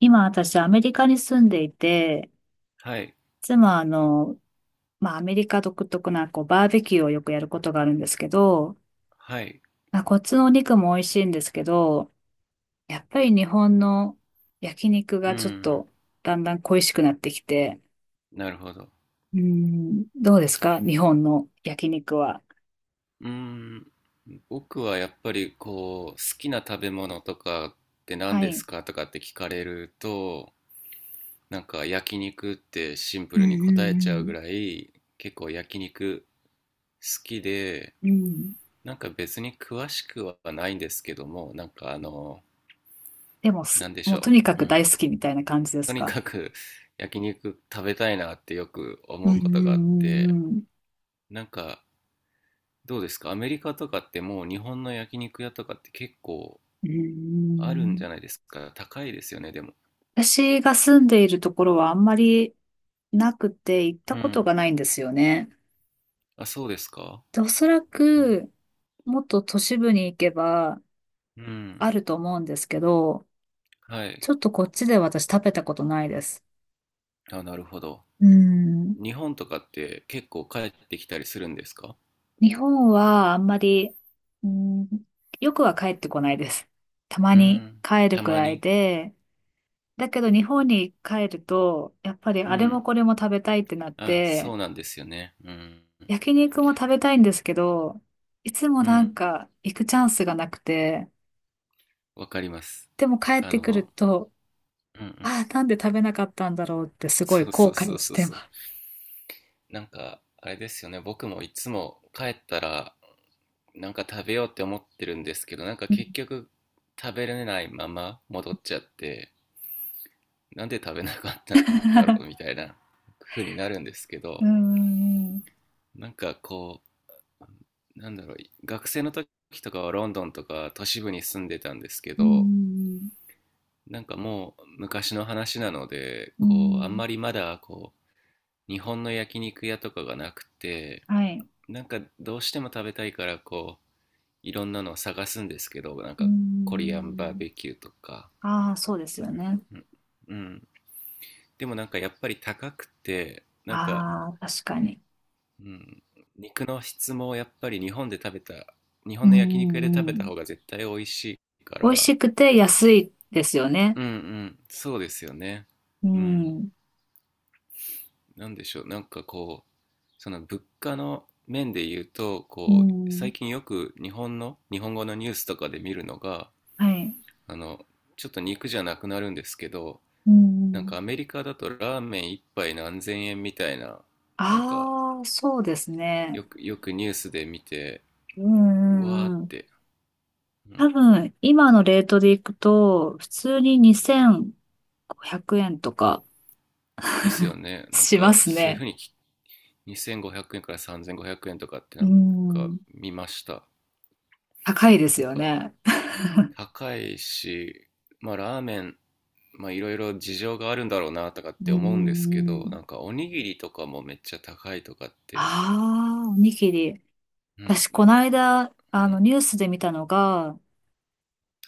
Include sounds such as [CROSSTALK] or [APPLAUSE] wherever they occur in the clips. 今私アメリカに住んでいて、はい、いつもまあアメリカ独特なこうバーベキューをよくやることがあるんですけど、はい、まあ、こっちのお肉も美味しいんですけど、やっぱり日本の焼肉うがちょっん、とだんだん恋しくなってきて、なるほど。うん、どうですか日本の焼肉は？うん、僕はやっぱりこう、好きな食べ物とかって何はですい。かとかって聞かれると、なんか焼肉ってシンうプんルに答えちゃううぐんらい、結構焼肉好きで、うん。うん。なんか別に詳しくはないんですけども、なんかあの、でもなんでしもうょとにかう。うくん。大好きみたいな感じでとすにか？かく [LAUGHS] 焼肉食べたいなってよくう思んううことがあっんうて、んうん。なんかどうですか？アメリカとかってもう日本の焼肉屋とかって結構うんうんあうるんじゃなん。いですか？高いですよね、でも。私が住んでいるところはあんまりなくて行ったうことん。がないんですよね。あ、そうですか。で、おそらうん。くもっと都市部に行けばうん。あると思うんですけど、はい。ちょっとこっちで私食べたことないです。あ、なるほど。うん。日本とかって結構帰ってきたりするんですか？日本はあんまり、うん、よくは帰ってこないです。たまうにん。帰るたくまらいに。で、だけど日本に帰ると、やっぱりうあれもん。これも食べたいってなっあ、て、そうなんですよね。うん。焼肉も食べたいんですけど、いつもうなん。んか行くチャンスがなくて、わかります。でも帰っあてくるの、と、うんうん。ああ、なんで食べなかったんだろうってすごいそうそ後うそ悔うしそうてそまう。す。なんか、あれですよね、僕もいつも帰ったら、なんか食べようって思ってるんですけど、なんか結局食べれないまま戻っちゃって、なんで食べなかったんだろうみ [LAUGHS] たいな風になるんですけうーど、ん、うなんかこう、なんだろう、学生の時とかはロンドンとか都市部に住んでたんですけーど、ん、なんかもう昔の話なので、うーこう、あんん、まりまだこう、日本の焼肉屋とかがなくて、はい、なんかどうしても食べたいからこう、いろんなのを探すんですけどなんうーかコリアンバーん。ベキューとか、ああ、そうですよね。うんうん、でもなんかやっぱり高くてなんか、ああ、確かに。うん、肉の質もやっぱり日う本の焼肉屋で食ん、うべたん。方が絶対美味しいか美味ら。しくて安いですよね。うんうん、そうですよね。ううん。ん、なんでしょう、なんかこうその物価の面で言うとうこうん、最近よく日本の日本語のニュースとかで見るのが、はい、あの、ちょっと肉じゃなくなるんですけど、うなんかん。アメリカだとラーメン一杯何千円みたいな、なんかああ、そうですよね。く、よくニュースで見て、うんうわーっうんうん。て。う多ん。分、今のレートでいくと、普通に2500円とかですよね。なんしまかすそういうふね。うに2500円から3500円とかってうなんかん。見ました。高いですなんよかね。高いし、まあラーメン、まあいろいろ事情があるんだろうなとかっうんてう思うんですんけうど、ん。なんかおにぎりとかもめっちゃ高いとかって、ああ、おにぎり。うん、私、なこんのか、間、うん。ニュースで見たのが、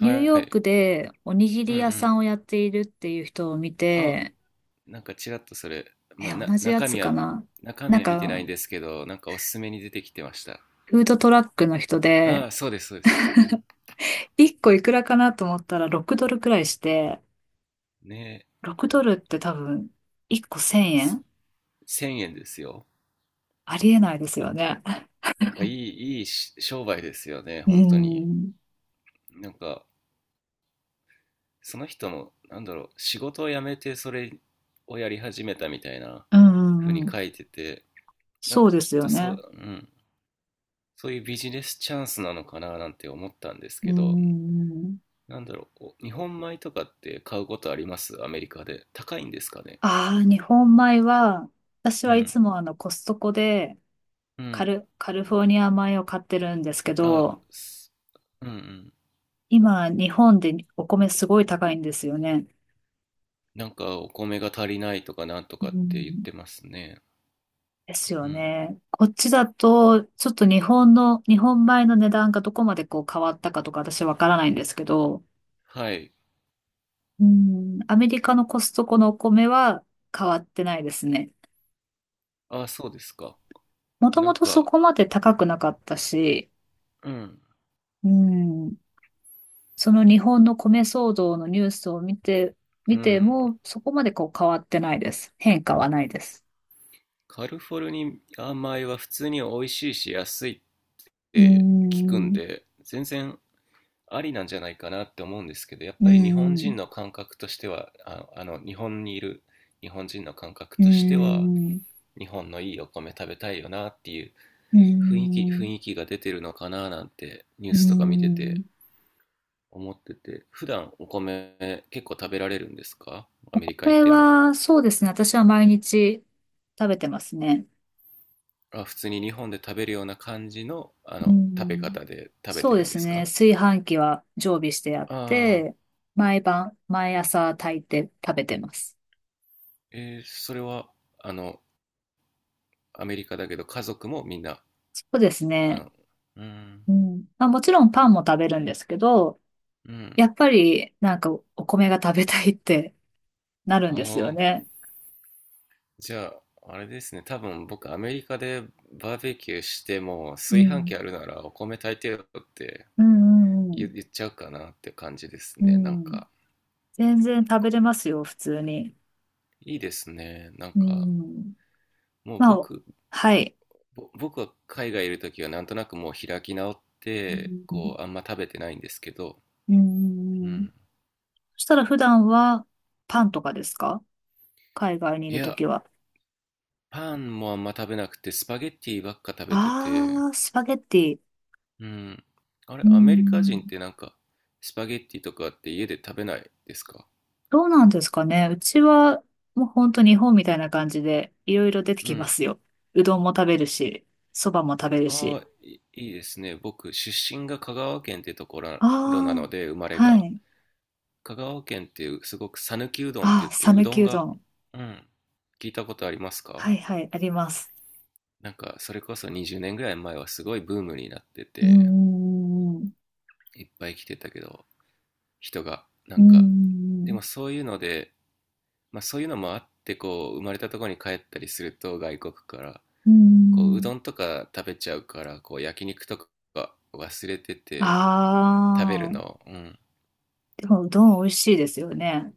はニューヨーい。クでおにぎうりんう屋さん。んをやっているっていう人を見あ、て、なんかちらっとそれ、まえ、あ、な同じや中つ身かはな。中なん身は見てないか、んですけど、なんかおすすめに出てきてました。フードトラックの人で、ああ、そうですそうです、うん、1個いくらかなと思ったら6ドルくらいして、ねえ、6ドおルって多分、1個1000せ円1000円ですよ。ありえないですよね。なんかいいいいし商売ですよね、う本当に。ん。なんかその人のなんだろう、仕事を辞めてそれをやり始めたみたいなう風んうにんうん。書いてて、なんそうかできすっよとそね。う、うん、そういうビジネスチャンスなのかななんて思ったんですうけど、ん。なんだろう、日本米とかって買うことありますアメリカで？高いんですかね？ああ、日本米は、私うはいつん。もコストコでうん。カルフォルニア米を買ってるんですけあ、ど、すうんうん。今日本でお米すごい高いんですよね。なんかお米が足りないとかなんとうかって言っん。てますね。ですようん。ね。こっちだと、ちょっと日本米の値段がどこまでこう変わったかとか私わからないんですけど、はい。うん、アメリカのコストコのお米は変わってないですね。あ、そうですか。もとなもんとそか、こまで高くなかったし、うん、うん、その日本の米騒動のニュースを見て、うん。もそこまでこう変わってないです。変化はないです。カリフォルニア米は普通に美味しいし安いっうーて聞くんん、で、全然ありなんじゃないかなって思うんですけど、やっうーぱり日本ん、人の感覚としては、あ、あの、日本にいる日本人の感覚うーとしては、ん、日本のいいお米食べたいよなっていううー雰囲気、ん、雰囲気が出てるのかななんてニュうーースとか見ててん。思ってて、普段お米結構食べられるんですか？アメこリカ行っれても。はそうですね。私は毎日食べてますね。あ、普通に日本で食べるような感じの、あうの、食べん、方で食べそてうでるんすですね。か？炊飯器は常備してあっああ、て、毎晩、毎朝炊いて食べてます。えー、それは、あの、アメリカだけど家族もみんな、そうですあね。の、うーん、うん。まあ、もちろんパンも食べるんですけど、うん。やっぱりなんかお米が食べたいって [LAUGHS] なるんあですよあ、ね。じゃあ、あれですね。多分僕、アメリカでバーベキューしても、う炊飯器ん。あるならお米炊いてよってうんう言、ん言っちゃうかなって感じですうね。なんん。うん。か、全然食べれますよ、普通に。いいですね。なんうか、ん。もうまあ、僕、はい。ぼ僕は海外いるときはなんとなくもう開き直っうて、ん。こう、あんま食べてないんですけど、うんううんうん。ん。そしたら普段はパンとかですか？海外にいいるとや、きは。パンもあんま食べなくて、スパゲッティばっか食べてて、ああ、スパゲッティ。うん。あうれ、ーアメリカ人っん。てなんか、スパゲッティとかって家で食べないですか？どうなんですかね。うちは、もう本当日本みたいな感じで、いろいろ出てうきまん。すよ。うどんも食べるし、そばも食べるあし。あ、いいですね。僕、出身が香川県ってとこあろなのあ、で、生まれはが。い。香川県っていう、すごく讃岐うどんってあ言っあ、て、う讃ど岐んうどが、ん。うん、聞いたことありますか？はいはい、あります。なんか、それこそ20年ぐらい前はすごいブームになってうーて、ん。ういっぱい来てたけど、人が、なーんか、でん。もそういうので、まあそういうのもあって、こう、生まれたところに帰ったりすると、外国から、うーこううん。どんとか食べちゃうからこう焼肉とか忘れてて食べるああ、の、うん、でもうどん美味しいですよね。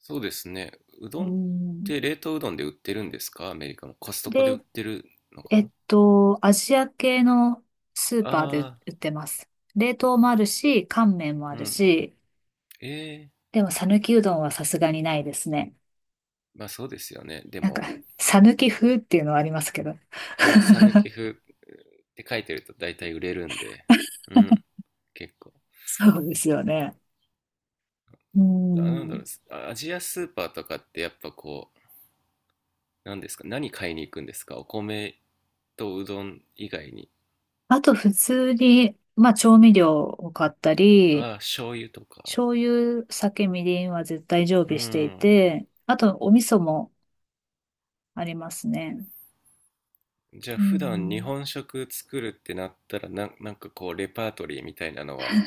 そうですね。ううどんっん。て冷凍うどんで売ってるんですか？アメリカもコストコで売っで、てるのかな？アジア系のスーパーであ売ってます。冷凍もあるし、乾麺もああー、うるん、し、ええー、でも讃岐うどんはさすがにないですね。まあそうですよね、でなんか、も。讃岐風っていうのはありますけど。ああ、 [LAUGHS] 讃岐風って書いてると大体売れるんで。うん、結構。そうですよね。うあ、なんだん。ろう、あ、アジアスーパーとかってやっぱこう、何ですか？何買いに行くんですか？お米とうどん以外に。あと、普通に、まあ、調味料を買ったり、ああ、醤油とか。醤油、酒、みりんは絶対常う備していん。て、あと、お味噌もありますね。じゃあう普段日ん。本食作るってなったらなんかこうレパートリーみたいなのは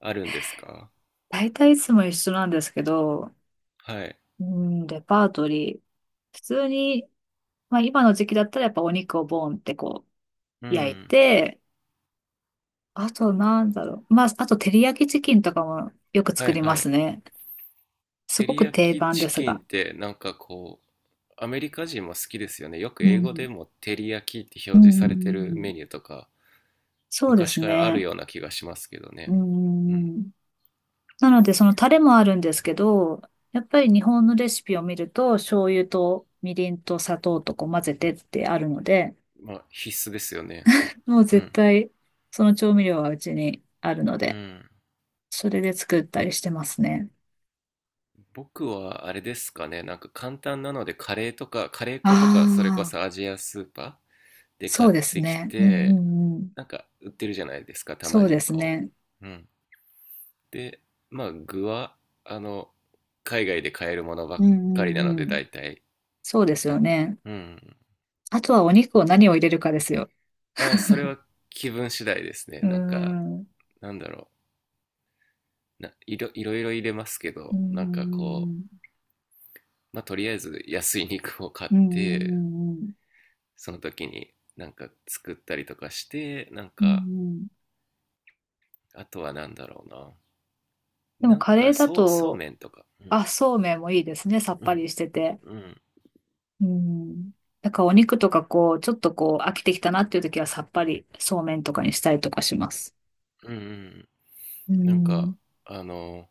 あるんですか？大体いつも一緒なんですけど、はい。うん、レパートリー。普通に、まあ今の時期だったらやっぱお肉をボーンってこうう焼いん。て、あとなんだろう。まあ、あと照り焼きチキンとかもよくは作いりまはすい。ね。す照ごりく焼定き番でチすキンが。ってなんかこう、アメリカ人も好きですよね。よくう英語ん。でも照り焼きってう表示されてるん。メニューとか、そうで昔すからあるね。ような気がしますけどうね。うん。ん。なのでそのタレもあるんですけど、やっぱり日本のレシピを見ると醤油とみりんと砂糖とこう混ぜてってあるので、まあ必須ですよね。もうう絶ん。対その調味料はうちにあるのうで、ん。それで作ったりしてますね。僕はあれですかね、なんか簡単なのでカレーとか、カレー粉とか、それこああ、そアジアスーパーでそ買っうですてきね。うんうて、んうん。なんか売ってるじゃないですか、たそまうでにすこね。う。うん。で、まあ具は、あの、海外で買えるものばうっんかりなうのんで、うん。大体、そうですなよんね。うん。あとはお肉を何を入れるかですよ。ああ、それは気分次第ですね。うーなんか、ん。うなんだろう。な、いろ、いろいろ入れますけーど、なんかこう、ん。まあとりあえず安い肉を買っうんうて、んうん。その時になんか作ったりとかして、なんうんかうん。あとはなんだろうな、でもなんカレーかだそうそうと、めんとか、うんあ、そうめんもいいですね。さっうぱんりしてて。うんうん。だからお肉とかこう、ちょっとこう、飽きてきたなっていう時はさっぱりそうめんとかにしたりとかします。うんうん、うなんかん。あの、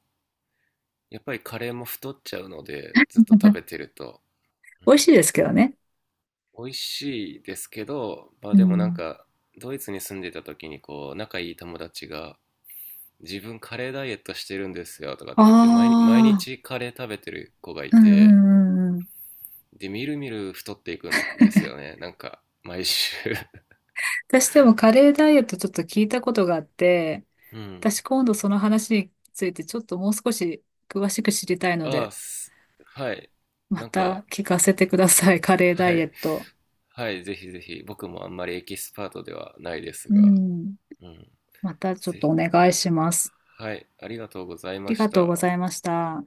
やっぱりカレーも太っちゃうのでずっと食べ [LAUGHS] てると、う美味しん、いですけどね。美味しいですけど、まあうでもなんん。かドイツに住んでた時にこう仲いい友達が自分カレーダイエットしてるんですよとかっあて言って、毎日毎あ、日カレー食べてる子がいうんうて、んうんうん。で、みるみる太っていくんですよね。なんか、毎週 [LAUGHS]。私でもカレーダイエットちょっと聞いたことがあって、うん。私今度その話についてちょっともう少し詳しく知りたいのああ、で、はい。まなんか、た聞かせてください、カレーダはイエい。ット。はい、ぜひぜひ。僕もあんまりエキスパートではないですうが。ん。うん。またちょっぜとひ。お願いします。はい、ありがとうございあまりしがとうごた。ざいました。